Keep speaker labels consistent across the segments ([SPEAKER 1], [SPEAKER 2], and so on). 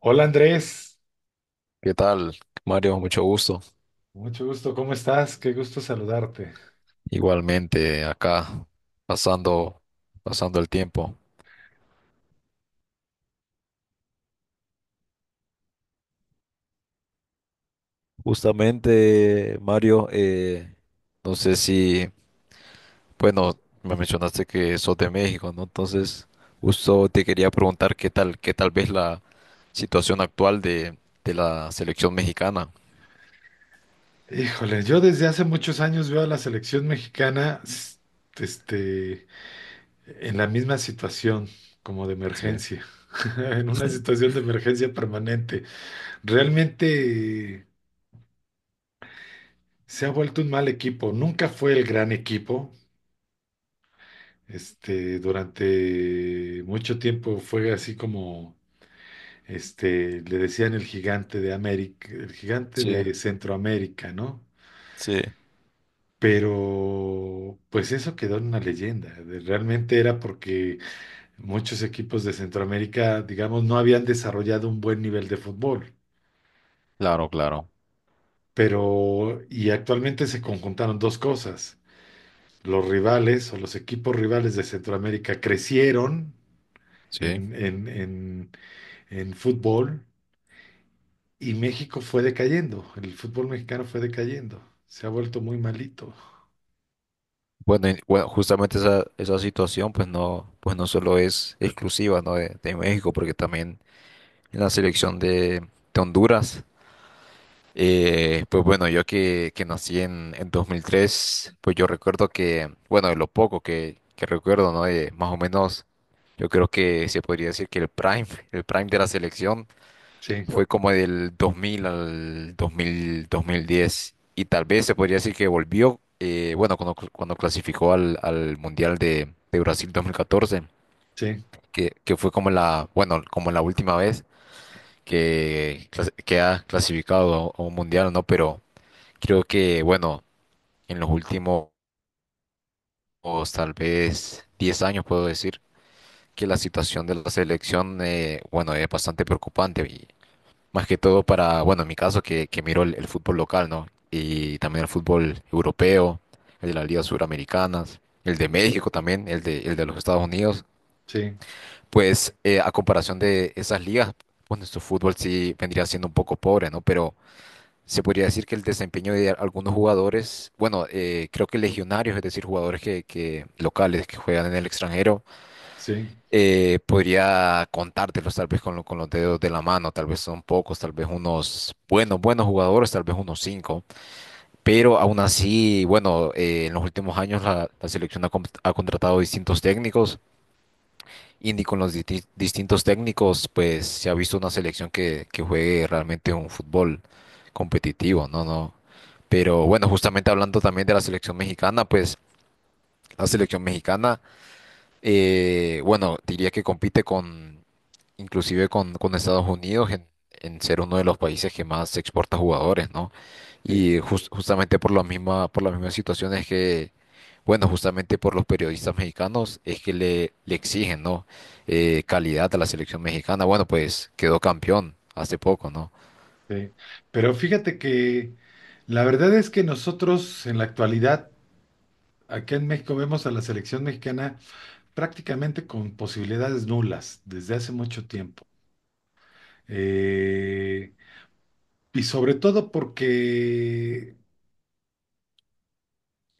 [SPEAKER 1] Hola Andrés,
[SPEAKER 2] ¿Qué tal, Mario? Mucho gusto.
[SPEAKER 1] mucho gusto, ¿cómo estás? Qué gusto saludarte.
[SPEAKER 2] Igualmente acá, pasando, pasando el tiempo. Justamente, Mario, no sé si, bueno, me mencionaste que sos de México, ¿no? Entonces, justo te quería preguntar qué tal ves la situación actual de la selección mexicana.
[SPEAKER 1] Híjole, yo desde hace muchos años veo a la selección mexicana este, en la misma situación, como de
[SPEAKER 2] Sí,
[SPEAKER 1] emergencia, en una situación de emergencia permanente. Realmente se ha vuelto un mal equipo, nunca fue el gran equipo. Durante mucho tiempo fue así como le decían el gigante de América, el gigante
[SPEAKER 2] sí,
[SPEAKER 1] de Centroamérica, ¿no?
[SPEAKER 2] sí.
[SPEAKER 1] Pero pues eso quedó en una leyenda. Realmente era porque muchos equipos de Centroamérica, digamos, no habían desarrollado un buen nivel de fútbol.
[SPEAKER 2] Claro, claro.
[SPEAKER 1] Pero, y actualmente se conjuntaron dos cosas. Los rivales o los equipos rivales de Centroamérica crecieron
[SPEAKER 2] Sí.
[SPEAKER 1] en, en, en, en fútbol y México fue decayendo. El fútbol mexicano fue decayendo. Se ha vuelto muy malito.
[SPEAKER 2] Bueno, bueno, justamente esa situación, pues no solo es exclusiva, ¿no? De México, porque también en la selección de Honduras. Pues bueno, yo que nací en 2003, pues yo recuerdo que, bueno, de lo poco que recuerdo, ¿no? De más o menos, yo creo que se podría decir que el prime de la selección
[SPEAKER 1] Sí,
[SPEAKER 2] fue como del 2000 al 2000, 2010. Y tal vez se podría decir que volvió, bueno, cuando clasificó al Mundial de Brasil 2014,
[SPEAKER 1] sí,
[SPEAKER 2] que fue como la, bueno, como la última vez que ha clasificado a un mundial, ¿no? Pero creo que, bueno, en los últimos tal vez 10 años puedo decir que la situación de la selección, bueno, es bastante preocupante y más que todo para, bueno, en mi caso que miro el fútbol local, ¿no? Y también el fútbol europeo, el de las ligas suramericanas, el de México también, el de los Estados Unidos,
[SPEAKER 1] sí,
[SPEAKER 2] pues a comparación de esas ligas, bueno, su fútbol sí vendría siendo un poco pobre, ¿no? Pero se podría decir que el desempeño de algunos jugadores, bueno, creo que legionarios, es decir, jugadores que locales que juegan en el extranjero,
[SPEAKER 1] sí,
[SPEAKER 2] podría contártelos tal vez con los dedos de la mano, tal vez son pocos, tal vez unos buenos, buenos jugadores, tal vez unos cinco, pero aún así, bueno, en los últimos años la selección ha contratado distintos técnicos Indy con los distintos técnicos, pues se ha visto una selección que juegue realmente un fútbol competitivo, ¿no? No. Pero bueno, justamente hablando también de la selección mexicana, pues la selección mexicana, bueno, diría que compite inclusive con Estados Unidos en ser uno de los países que más exporta jugadores, ¿no?
[SPEAKER 1] sí.
[SPEAKER 2] Y justamente por la misma, por las mismas situaciones que bueno, justamente por los periodistas mexicanos es que le exigen, ¿no? Calidad a la selección mexicana. Bueno, pues quedó campeón hace poco, ¿no?
[SPEAKER 1] Sí, pero fíjate que la verdad es que nosotros en la actualidad, acá en México, vemos a la selección mexicana prácticamente con posibilidades nulas desde hace mucho tiempo. Eh, y sobre todo porque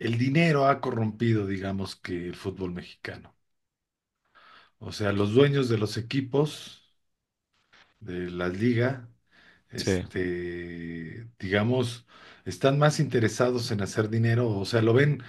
[SPEAKER 1] el dinero ha corrompido, digamos, que el fútbol mexicano. O sea, los dueños de los equipos, de las ligas,
[SPEAKER 2] Sí.
[SPEAKER 1] digamos, están más interesados en hacer dinero. O sea, lo ven,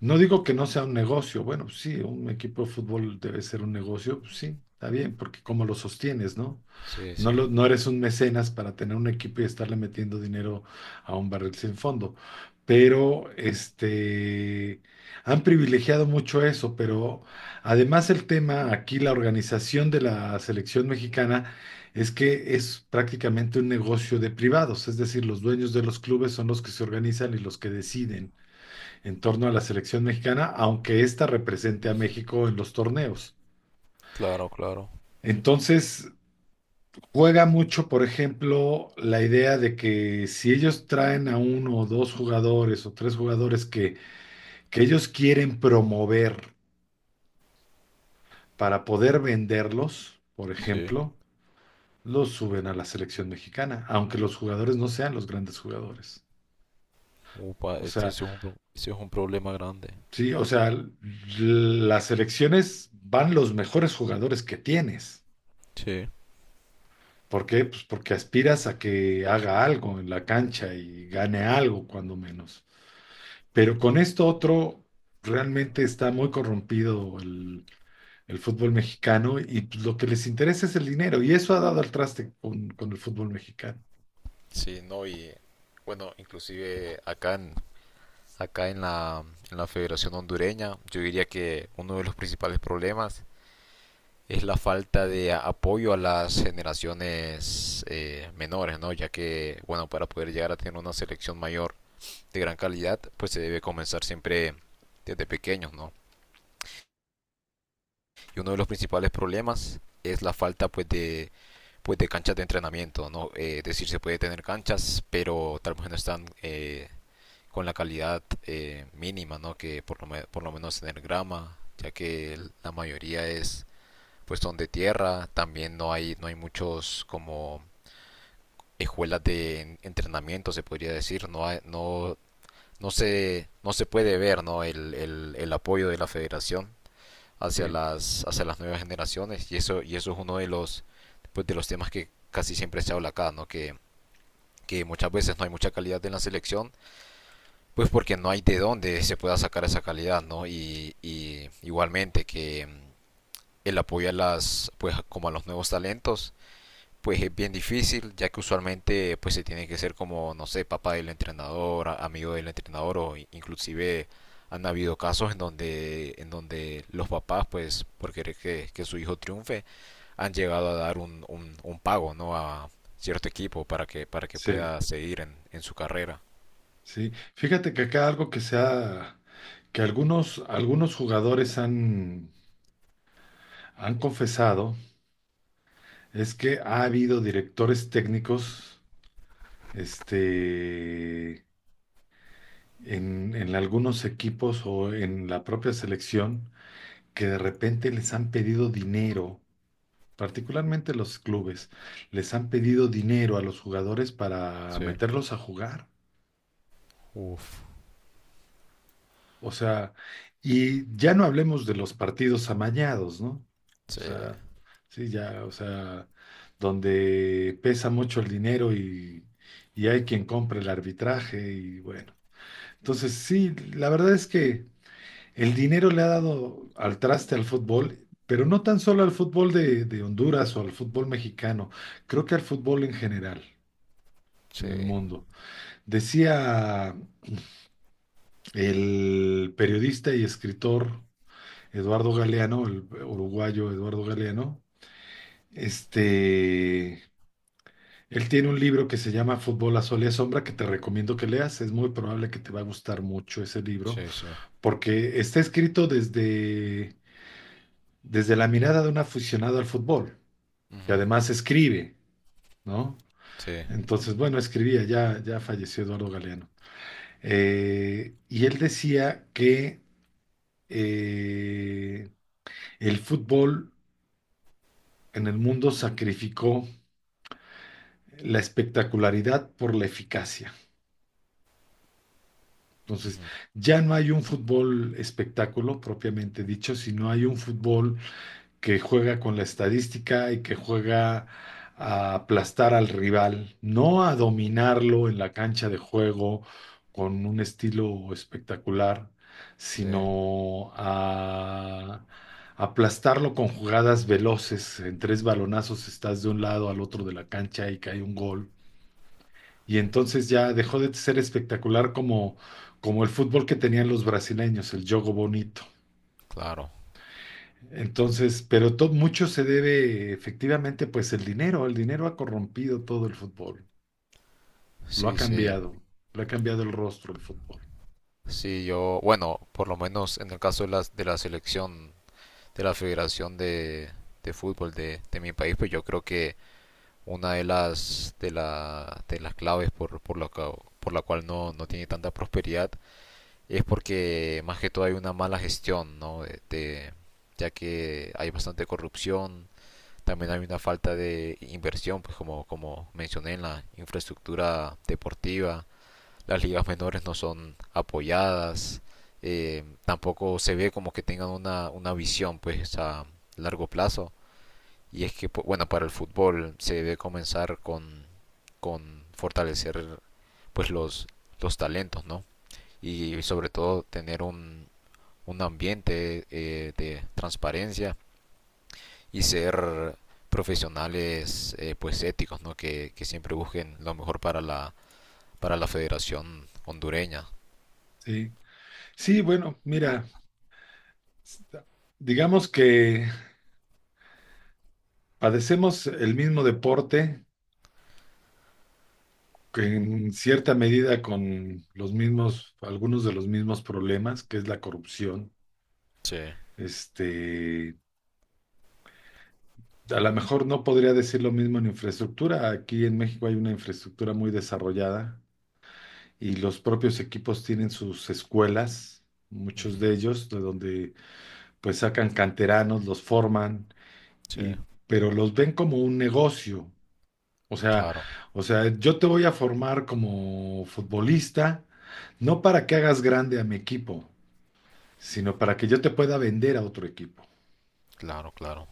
[SPEAKER 1] no digo que no sea un negocio, bueno, pues sí, un equipo de fútbol debe ser un negocio, pues sí, está bien, porque cómo lo sostienes, ¿no?
[SPEAKER 2] Sí,
[SPEAKER 1] No,
[SPEAKER 2] sí, no,
[SPEAKER 1] no eres un mecenas para tener un equipo y estarle metiendo dinero a un barril sin fondo. Pero han privilegiado mucho eso, pero además el tema aquí, la organización de la selección mexicana, es que es prácticamente un negocio de privados, es decir, los dueños de los clubes son los que se organizan y los que deciden en torno a la selección mexicana, aunque ésta represente a México en los torneos.
[SPEAKER 2] claro.
[SPEAKER 1] Entonces, juega mucho, por ejemplo, la idea de que si ellos traen a uno o dos jugadores o tres jugadores que ellos quieren promover para poder venderlos, por
[SPEAKER 2] Sí.
[SPEAKER 1] ejemplo, los suben a la selección mexicana, aunque los jugadores no sean los grandes jugadores.
[SPEAKER 2] Upa,
[SPEAKER 1] O
[SPEAKER 2] este sí
[SPEAKER 1] sea,
[SPEAKER 2] es este es un problema grande.
[SPEAKER 1] sí, o sea, las selecciones van los mejores jugadores que tienes.
[SPEAKER 2] Sí.
[SPEAKER 1] ¿Por qué? Pues porque aspiras a que haga algo en la cancha y gane algo, cuando menos. Pero con esto otro, realmente está muy corrompido el fútbol mexicano y pues, lo que les interesa es el dinero y eso ha dado al traste con el fútbol mexicano.
[SPEAKER 2] Sí, no, y bueno, inclusive acá en en la Federación Hondureña, yo diría que uno de los principales problemas es la falta de apoyo a las generaciones menores, ¿no? Ya que, bueno, para poder llegar a tener una selección mayor de gran calidad, pues se debe comenzar siempre desde pequeños, ¿no? Y uno de los principales problemas es la falta, pues, de canchas de entrenamiento, ¿no? Es decir, se puede tener canchas, pero tal vez no están con la calidad mínima, ¿no? Que por lo menos tener grama, ya que la mayoría es pues son de tierra, también no hay muchos como escuelas de entrenamiento, se podría decir, no se puede ver, ¿no? El apoyo de la federación
[SPEAKER 1] Sí,
[SPEAKER 2] hacia las nuevas generaciones, y eso es uno de los, pues, de los temas que casi siempre se habla acá, ¿no? Que muchas veces no hay mucha calidad en la selección, pues porque no hay de dónde se pueda sacar esa calidad, ¿no? Y igualmente que el apoyo pues como a los nuevos talentos, pues es bien difícil, ya que usualmente pues se tiene que ser como, no sé, papá del entrenador, amigo del entrenador o inclusive han habido casos en donde los papás pues por querer que su hijo triunfe han llegado a dar un pago, ¿no? a cierto equipo para que
[SPEAKER 1] sí,
[SPEAKER 2] pueda seguir en su carrera.
[SPEAKER 1] sí. Fíjate que acá algo que se ha, que algunos, algunos jugadores han, han confesado es que ha habido directores técnicos, este, en algunos equipos o en la propia selección que de repente les han pedido dinero, particularmente los clubes, les han pedido dinero a los jugadores para
[SPEAKER 2] Sí,
[SPEAKER 1] meterlos a jugar.
[SPEAKER 2] uf.
[SPEAKER 1] O sea, y ya no hablemos de los partidos amañados, ¿no? O
[SPEAKER 2] Sí,
[SPEAKER 1] sea, sí, ya, o sea, donde pesa mucho el dinero y hay quien compra el arbitraje y bueno. Entonces, sí, la verdad es que el dinero le ha dado al traste al fútbol, pero no tan solo al fútbol de Honduras o al fútbol mexicano, creo que al fútbol en general,
[SPEAKER 2] sí,
[SPEAKER 1] en el mundo. Decía el periodista y escritor Eduardo Galeano, el uruguayo Eduardo Galeano, este, él tiene un libro que se llama Fútbol a Sol y a Sombra que te recomiendo que leas. Es muy probable que te va a gustar mucho ese libro
[SPEAKER 2] sí, sí.
[SPEAKER 1] porque está escrito desde, desde la mirada de un aficionado al fútbol y
[SPEAKER 2] Ujú.
[SPEAKER 1] además escribe, ¿no?
[SPEAKER 2] Sí,
[SPEAKER 1] Entonces, bueno, escribía, ya, ya falleció Eduardo Galeano. Y él decía que eh, el fútbol en el mundo sacrificó la espectacularidad por la eficacia. Entonces,
[SPEAKER 2] ujú,
[SPEAKER 1] ya no hay un fútbol espectáculo propiamente dicho, sino hay un fútbol que juega con la estadística y que juega a aplastar al rival, no a dominarlo en la cancha de juego con un estilo espectacular,
[SPEAKER 2] sí,
[SPEAKER 1] sino a aplastarlo con jugadas veloces. En tres balonazos estás de un lado al otro de la cancha y cae un gol. Y entonces ya dejó de ser espectacular como, como el fútbol que tenían los brasileños, el jogo bonito.
[SPEAKER 2] claro.
[SPEAKER 1] Entonces, pero mucho se debe efectivamente, pues el dinero ha corrompido todo el fútbol, lo ha
[SPEAKER 2] Sí, sí.
[SPEAKER 1] cambiado, lo ha cambiado el rostro el fútbol.
[SPEAKER 2] Sí, yo, bueno, por lo menos en el caso de la selección, de la Federación de Fútbol de mi país, pues yo creo que una de las claves por la cual no tiene tanta prosperidad es porque más que todo hay una mala gestión, ¿no? Ya que hay bastante corrupción, también hay una falta de inversión, pues como, como mencioné en la infraestructura deportiva las ligas menores no son apoyadas, tampoco se ve como que tengan una visión pues a largo plazo. Y es que, pues, bueno, para el fútbol se debe comenzar con fortalecer pues los talentos, ¿no? Y sobre todo tener un ambiente de transparencia y ser profesionales pues éticos, ¿no? Que, siempre busquen lo mejor para para la federación hondureña.
[SPEAKER 1] Sí, sí, bueno, mira, sta- digamos que padecemos el mismo deporte, que en cierta medida con los mismos, algunos de los mismos problemas, que es la corrupción.
[SPEAKER 2] Sí.
[SPEAKER 1] Este, a lo mejor no podría decir lo mismo en infraestructura. Aquí en México hay una infraestructura muy desarrollada y los propios equipos tienen sus escuelas,
[SPEAKER 2] Uh
[SPEAKER 1] muchos
[SPEAKER 2] -huh.
[SPEAKER 1] de ellos, de donde pues sacan canteranos, los forman,
[SPEAKER 2] Sí.
[SPEAKER 1] y, pero los ven como un negocio. O sea,
[SPEAKER 2] Claro,
[SPEAKER 1] o sea, yo te voy a formar como futbolista, no para que hagas grande a mi equipo, sino para que yo te pueda vender a otro equipo.
[SPEAKER 2] claro, claro.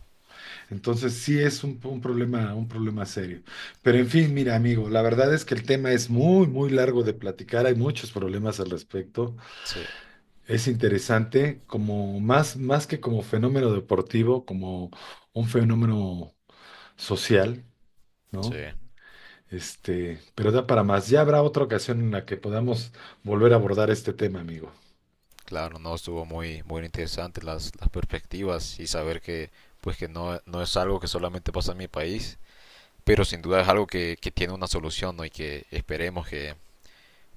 [SPEAKER 1] Entonces sí es un problema serio. Pero en fin, mira, amigo, la verdad es que el tema es muy, muy largo de platicar, hay muchos problemas al respecto.
[SPEAKER 2] Sí,
[SPEAKER 1] Es interesante, como más, más que como fenómeno deportivo, como un fenómeno social, ¿no?
[SPEAKER 2] sí.
[SPEAKER 1] Pero da para más. Ya habrá otra ocasión en la que podamos volver a abordar este tema, amigo.
[SPEAKER 2] Claro, no estuvo muy, muy interesante las perspectivas y saber que, pues que no, no es algo que solamente pasa en mi país, pero sin duda es algo que tiene una solución, ¿no? Y que esperemos que,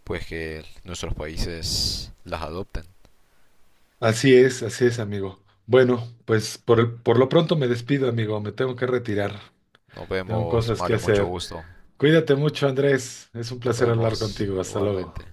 [SPEAKER 2] pues que nuestros países las adopten.
[SPEAKER 1] Así es, amigo. Bueno, pues por lo pronto me despido, amigo. Me tengo que retirar.
[SPEAKER 2] Nos
[SPEAKER 1] Tengo
[SPEAKER 2] vemos,
[SPEAKER 1] cosas que
[SPEAKER 2] Mario, mucho
[SPEAKER 1] hacer.
[SPEAKER 2] gusto.
[SPEAKER 1] Cuídate mucho, Andrés. Es un
[SPEAKER 2] Nos
[SPEAKER 1] placer hablar
[SPEAKER 2] vemos
[SPEAKER 1] contigo. Hasta luego.
[SPEAKER 2] igualmente.